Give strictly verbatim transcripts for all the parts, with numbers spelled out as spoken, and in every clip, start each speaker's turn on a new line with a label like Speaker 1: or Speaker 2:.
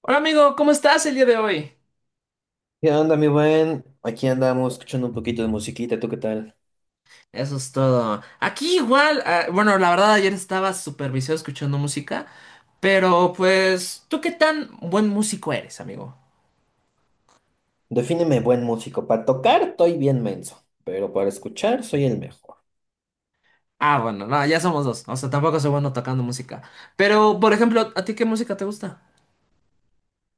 Speaker 1: Hola amigo, ¿cómo estás el día de hoy?
Speaker 2: ¿Qué onda, mi buen? Aquí andamos escuchando un poquito de musiquita, ¿tú qué tal?
Speaker 1: Eso es todo. Aquí igual, ah, bueno, la verdad ayer estaba súper viciado escuchando música, pero pues, ¿tú qué tan buen músico eres, amigo?
Speaker 2: Defíneme buen músico. Para tocar estoy bien menso, pero para escuchar soy el mejor.
Speaker 1: Ah, bueno, no, ya somos dos, o sea, tampoco soy bueno tocando música. Pero, por ejemplo, ¿a ti qué música te gusta?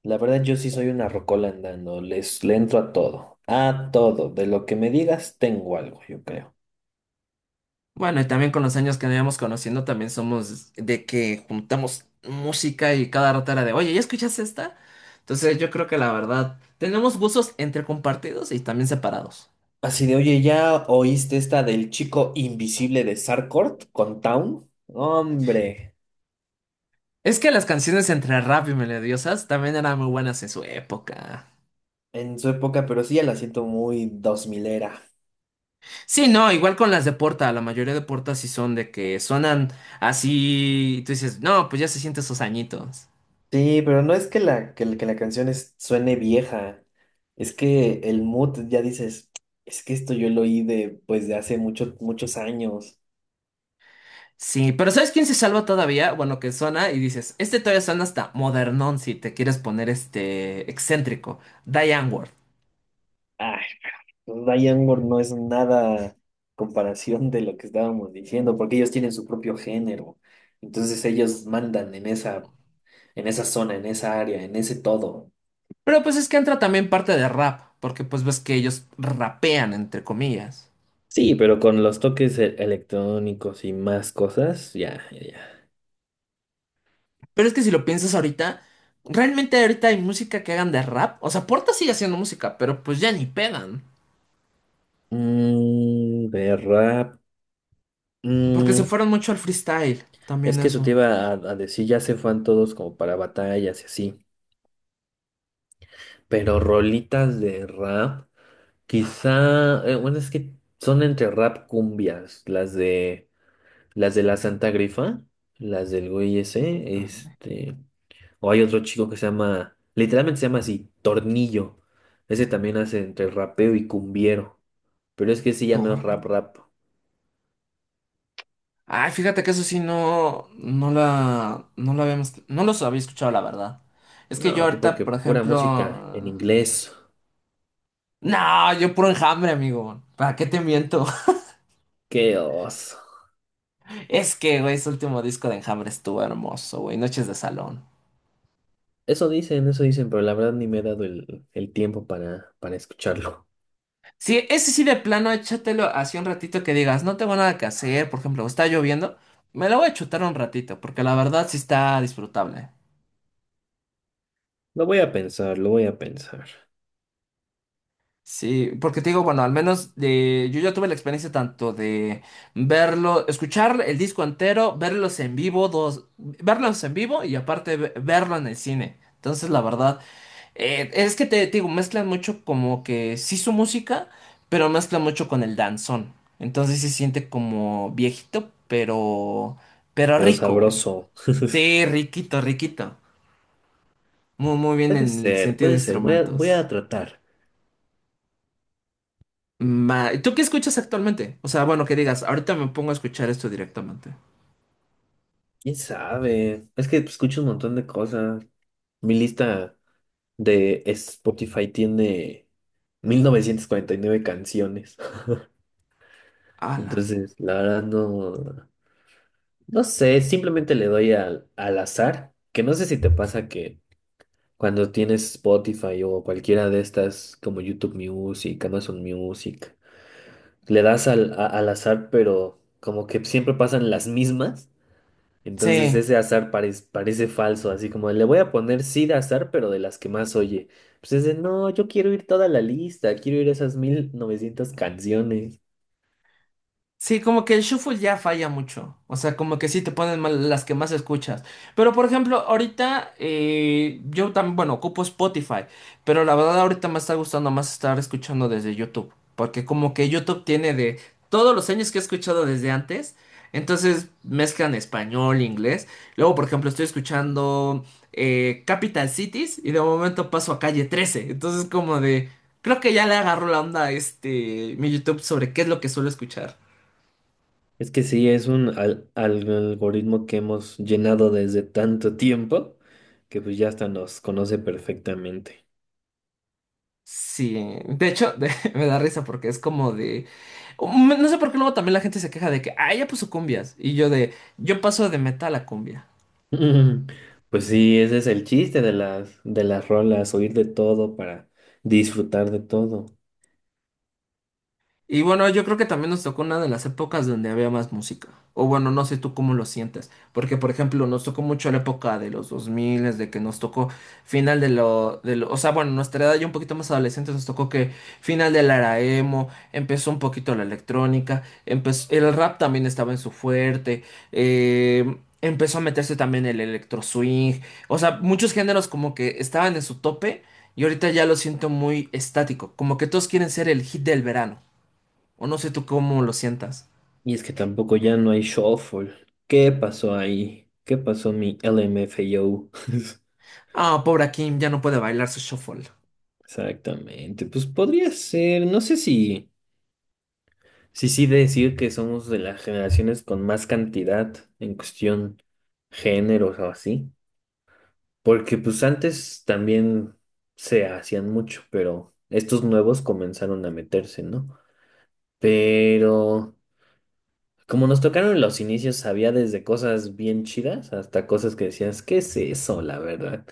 Speaker 2: La verdad yo sí soy una rocola andando, les, le entro a todo, a todo. De lo que me digas tengo algo, yo creo.
Speaker 1: Bueno, y también con los años que nos íbamos conociendo, también somos de que juntamos música y cada rato era de, oye, ¿ya escuchas esta? Entonces yo creo que la verdad, tenemos gustos entre compartidos y también separados.
Speaker 2: Así de, oye, ¿ya oíste esta del chico invisible de Sarkort con Town? Hombre,
Speaker 1: Es que las canciones entre rap y melodiosas también eran muy buenas en su época.
Speaker 2: en su época, pero sí ya la siento muy dos milera.
Speaker 1: Sí, no, igual con las de Porta, la mayoría de Porta sí son de que suenan así y tú dices, no, pues ya se sienten esos añitos.
Speaker 2: Sí, pero no es que la, que, la que la canción es- suene vieja, es que el mood ya dices, es que esto yo lo oí de, pues, de hace muchos, muchos años.
Speaker 1: Sí, pero ¿sabes quién se salva todavía? Bueno, que suena y dices, este todavía suena hasta modernón si te quieres poner este excéntrico, Diane Ward.
Speaker 2: Ay, Diane Moore no es nada comparación de lo que estábamos diciendo, porque ellos tienen su propio género. Entonces ellos mandan en esa, en esa zona, en esa área, en ese todo.
Speaker 1: Pero pues es que entra también parte de rap, porque pues ves que ellos rapean entre comillas.
Speaker 2: Sí, pero con los toques e- electrónicos y más cosas, ya, ya, ya.
Speaker 1: Pero es que si lo piensas ahorita, realmente ahorita hay música que hagan de rap. O sea, Porta sigue haciendo música, pero pues ya ni pegan.
Speaker 2: Mm, de rap.
Speaker 1: Porque se fueron mucho al freestyle,
Speaker 2: Es
Speaker 1: también
Speaker 2: que eso te
Speaker 1: eso.
Speaker 2: iba a, a decir, ya se fueron todos como para batallas y así. Pero rolitas de rap, quizá, eh, bueno, es que son entre rap cumbias, las de las de la Santa Grifa, las del güey ese,
Speaker 1: Carne,
Speaker 2: este, o hay otro chico que se llama, literalmente se llama así, Tornillo. Ese también hace entre rapeo y cumbiero. Pero es que ese ya no es
Speaker 1: torne.
Speaker 2: rap rap.
Speaker 1: Ay, fíjate que eso sí no, no la, no la habíamos, no los había escuchado, la verdad. Es que yo
Speaker 2: No, tú
Speaker 1: ahorita,
Speaker 2: porque
Speaker 1: por
Speaker 2: pura música en
Speaker 1: ejemplo,
Speaker 2: inglés.
Speaker 1: no, yo puro Enjambre, amigo. ¿Para qué te miento?
Speaker 2: Qué oso.
Speaker 1: Es que, güey, ese último disco de Enjambre estuvo hermoso, güey. Noches de salón.
Speaker 2: Eso dicen, eso dicen, pero la verdad ni me he dado el, el tiempo para, para escucharlo.
Speaker 1: Sí, ese sí de plano, échatelo así un ratito que digas, no tengo nada que hacer, por ejemplo, está lloviendo, me lo voy a chutar un ratito, porque la verdad sí está disfrutable.
Speaker 2: Lo voy a pensar, lo voy a pensar.
Speaker 1: Sí, porque te digo, bueno, al menos de, yo ya tuve la experiencia tanto de verlo, escuchar el disco entero, verlos en vivo, dos, verlos en vivo y aparte ve- verlo en el cine. Entonces, la verdad, Eh, es que te, digo, mezclan mucho como que sí su música, pero mezclan mucho con el danzón. Entonces sí se siente como viejito, pero, pero
Speaker 2: Pero
Speaker 1: rico, güey.
Speaker 2: sabroso.
Speaker 1: Sí, riquito, riquito. Muy, muy bien
Speaker 2: Puede
Speaker 1: en el
Speaker 2: ser,
Speaker 1: sentido de
Speaker 2: puede ser. Voy a, voy
Speaker 1: instrumentos.
Speaker 2: a tratar.
Speaker 1: Ma- ¿Tú qué escuchas actualmente? O sea, bueno, que digas, ahorita me pongo a escuchar esto directamente.
Speaker 2: ¿Quién sabe? Es que escucho un montón de cosas. Mi lista de Spotify tiene mil novecientas cuarenta y nueve canciones.
Speaker 1: Ala.
Speaker 2: Entonces, la verdad no, no sé. Simplemente le doy al, al azar. Que no sé si te pasa que cuando tienes Spotify o cualquiera de estas como YouTube Music, Amazon Music, le das al, a- al azar, pero como que siempre pasan las mismas. Entonces
Speaker 1: Sí.
Speaker 2: ese azar parec- parece falso, así como le voy a poner sí de azar, pero de las que más oye. Pues es de, no, yo quiero ir toda la lista, quiero ir esas mil novecientas canciones.
Speaker 1: Sí, como que el shuffle ya falla mucho. O sea, como que sí te ponen mal las que más escuchas. Pero por ejemplo, ahorita eh, yo también, bueno, ocupo Spotify. Pero la verdad, ahorita me está gustando más estar escuchando desde YouTube. Porque como que YouTube tiene de todos los años que he escuchado desde antes. Entonces mezclan español, inglés. Luego, por ejemplo, estoy escuchando eh, Capital Cities y de momento paso a calle trece. Entonces, como de. Creo que ya le agarró la onda a este mi YouTube sobre qué es lo que suelo escuchar.
Speaker 2: Es que sí, es un al- al- algoritmo que hemos llenado desde tanto tiempo que pues ya hasta nos conoce perfectamente.
Speaker 1: Sí, de hecho, de- me da risa porque es como de um, no sé por qué luego también la gente se queja de que, ah, ya puso cumbias. Y yo de, yo paso de metal a cumbia.
Speaker 2: Ujú. Pues sí, ese es el chiste de las, de las rolas, oír de todo para disfrutar de todo.
Speaker 1: Y bueno, yo creo que también nos tocó una de las épocas donde había más música. O bueno, no sé tú cómo lo sientes. Porque, por ejemplo, nos tocó mucho la época de los dos mil, de que nos tocó final de lo, de lo- O sea, bueno, nuestra edad ya un poquito más adolescente nos tocó que final de la era emo, empezó un poquito la electrónica, empezó, el rap también estaba en su fuerte, eh, empezó a meterse también el electro swing. O sea, muchos géneros como que estaban en su tope y ahorita ya lo siento muy estático. Como que todos quieren ser el hit del verano. O no sé tú cómo lo sientas.
Speaker 2: Y es que tampoco ya no hay shuffle. ¿Qué pasó ahí? ¿Qué pasó mi L M F A O?
Speaker 1: Ah, pobre Kim, ya no puede bailar su shuffle.
Speaker 2: Exactamente. Pues podría ser, no sé si, si sí decir que somos de las generaciones con más cantidad en cuestión géneros o así. Porque pues antes también se hacían mucho, pero estos nuevos comenzaron a meterse, ¿no? Pero como nos tocaron en los inicios, había desde cosas bien chidas hasta cosas que decías, ¿qué es eso, la verdad?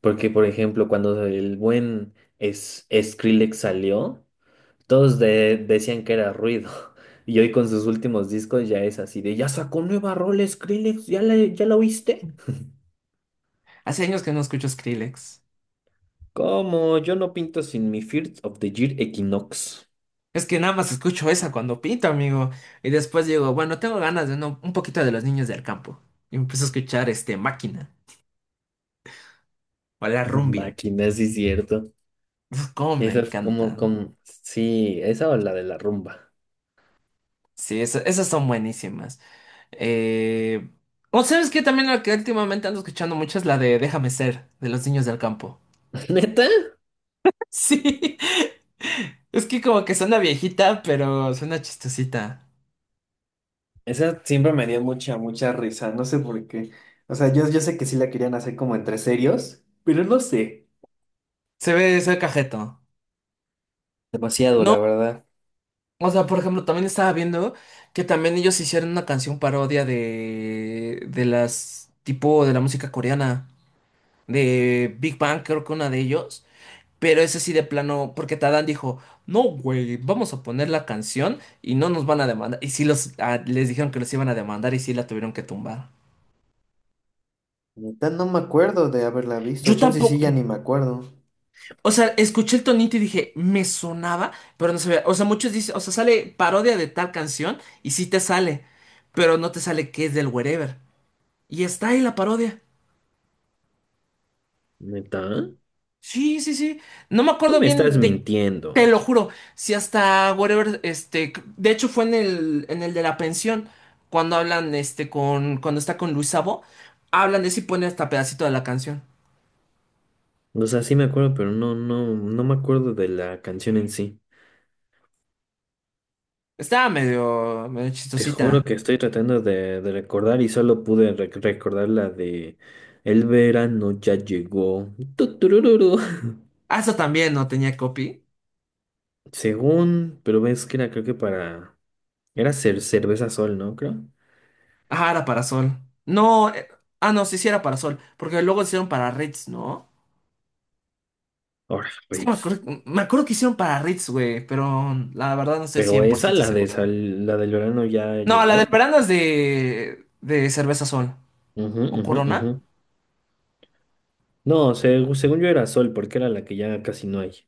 Speaker 2: Porque, por ejemplo, cuando el buen es Skrillex salió, todos de- decían que era ruido. Y hoy con sus últimos discos ya es así de, ya sacó nueva rola Skrillex, ¿ya la, ya la oíste?
Speaker 1: Hace años que no escucho Skrillex.
Speaker 2: Como yo no pinto sin mi First of the Year Equinox.
Speaker 1: Es que nada más escucho esa cuando pinto, amigo. Y después digo, bueno, tengo ganas de no- un poquito de los niños del campo. Y empiezo a escuchar este Máquina o la
Speaker 2: No
Speaker 1: Rumbia.
Speaker 2: máquina, sí es cierto.
Speaker 1: Uf, cómo me
Speaker 2: Esa es como,
Speaker 1: encantan.
Speaker 2: como, sí, esa o la de la rumba.
Speaker 1: Sí, esa- esas son buenísimas. Eh... O sabes que también la que últimamente ando escuchando mucho es la de Déjame ser, de los niños del campo.
Speaker 2: ¿Neta?
Speaker 1: Sí. Es que como que suena viejita, pero suena chistosita.
Speaker 2: Esa siempre me dio mucha, mucha risa, no sé por qué. O sea, yo, yo sé que sí la querían hacer como entre serios, pero no sé.
Speaker 1: Se ve, se ve cajeto.
Speaker 2: Demasiado,
Speaker 1: No,
Speaker 2: la verdad.
Speaker 1: o sea, por ejemplo, también estaba viendo que también ellos hicieron una canción parodia de, de las, tipo de la música coreana, de Big Bang, creo que una de ellos, pero ese sí de plano, porque Tadán dijo, no, güey, vamos a poner la canción y no nos van a demandar. Y sí los, ah, les dijeron que los iban a demandar y sí la tuvieron que tumbar.
Speaker 2: Neta, no me acuerdo de haberla visto.
Speaker 1: Yo
Speaker 2: Chance sí,
Speaker 1: tampoco,
Speaker 2: ya ni me acuerdo.
Speaker 1: o sea, escuché el tonito y dije, me sonaba, pero no sabía. O sea, muchos dicen, o sea, sale parodia de tal canción y sí te sale, pero no te sale que es del Wherever. Y está ahí la parodia.
Speaker 2: ¿Neta?
Speaker 1: Sí, sí, sí. No me
Speaker 2: Tú
Speaker 1: acuerdo
Speaker 2: me estás
Speaker 1: bien de, te
Speaker 2: mintiendo.
Speaker 1: lo juro, si hasta Wherever, este, de hecho fue en el, en el de la pensión, cuando hablan, este, con, cuando está con Luis Sabo, hablan de eso y ponen hasta pedacito de la canción.
Speaker 2: O sea, sí me acuerdo, pero no, no, no me acuerdo de la canción en sí.
Speaker 1: Estaba medio, medio
Speaker 2: Te juro
Speaker 1: chistosita.
Speaker 2: que estoy tratando de, de recordar y solo pude re- recordar la de El verano ya llegó. Tuturururu.
Speaker 1: Ah, eso también no tenía copy.
Speaker 2: Según, pero ves que era creo que para... Era cer- cerveza sol, ¿no? Creo.
Speaker 1: Ah, era para Sol. No, eh, ah, no, sí, sí era para Sol. Porque luego hicieron para Ritz, ¿no?
Speaker 2: Ahora,
Speaker 1: Es que me
Speaker 2: Ritz.
Speaker 1: acuerdo, me acuerdo que hicieron para Ritz, güey, pero la verdad no estoy
Speaker 2: Pero
Speaker 1: cien por
Speaker 2: esa,
Speaker 1: ciento
Speaker 2: la de
Speaker 1: seguro.
Speaker 2: sal, la del verano ya
Speaker 1: No, la
Speaker 2: llegó,
Speaker 1: del
Speaker 2: ¿no?
Speaker 1: verano es de, de Cerveza Sol
Speaker 2: Ujú,
Speaker 1: o
Speaker 2: ujú, ujú.
Speaker 1: Corona.
Speaker 2: No, seg- según yo era sol, porque era la que ya casi no hay,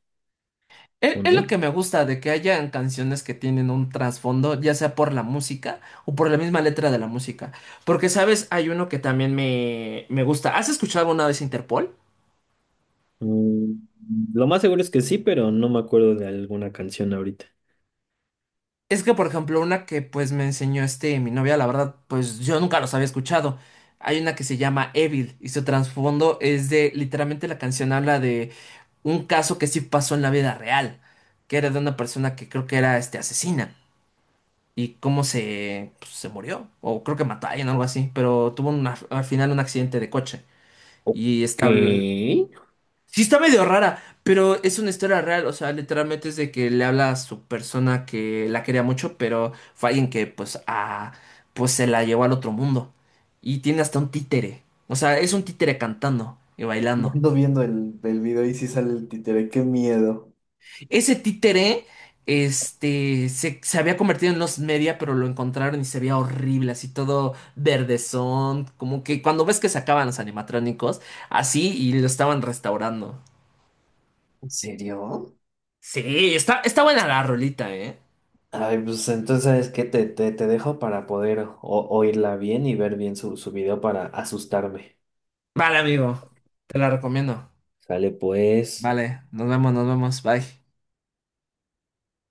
Speaker 1: Es,
Speaker 2: ¿o
Speaker 1: es lo que
Speaker 2: no?
Speaker 1: me gusta de que hayan canciones que tienen un trasfondo, ya sea por la música o por la misma letra de la música. Porque, ¿sabes? Hay uno que también me, me gusta. ¿Has escuchado alguna vez Interpol?
Speaker 2: Mm, lo más seguro es que sí, pero no me acuerdo de alguna canción ahorita.
Speaker 1: Es que, por ejemplo, una que pues me enseñó este mi novia, la verdad, pues yo nunca los había escuchado. Hay una que se llama Evil y su trasfondo es de, literalmente la canción habla de un caso que sí pasó en la vida real, que era de una persona que creo que era este asesina y cómo se, pues, se murió, o creo que mató a alguien, algo así, pero tuvo una- al final un accidente de coche
Speaker 2: Ok.
Speaker 1: y está, habl- sí está medio rara, pero es una historia real, o sea, literalmente es de que le habla a su persona que la quería mucho, pero fue alguien que pues a pues se la llevó al otro mundo y tiene hasta un títere. O sea, es un títere cantando y
Speaker 2: Ya
Speaker 1: bailando.
Speaker 2: ando viendo el, el video y si sale el títere, qué miedo.
Speaker 1: Ese títere este se, se había convertido en los media, pero lo encontraron y se veía horrible, así todo verdezón, como que cuando ves que sacaban los animatrónicos, así y lo estaban restaurando.
Speaker 2: ¿En serio?
Speaker 1: Sí, está está buena la rolita, ¿eh?
Speaker 2: Ay, pues entonces, ¿sabes qué? Te, te, te dejo para poder o- oírla bien y ver bien su, su video para asustarme.
Speaker 1: Vale, amigo, te la recomiendo.
Speaker 2: Sale pues.
Speaker 1: Vale, nos vemos, nos vemos, bye.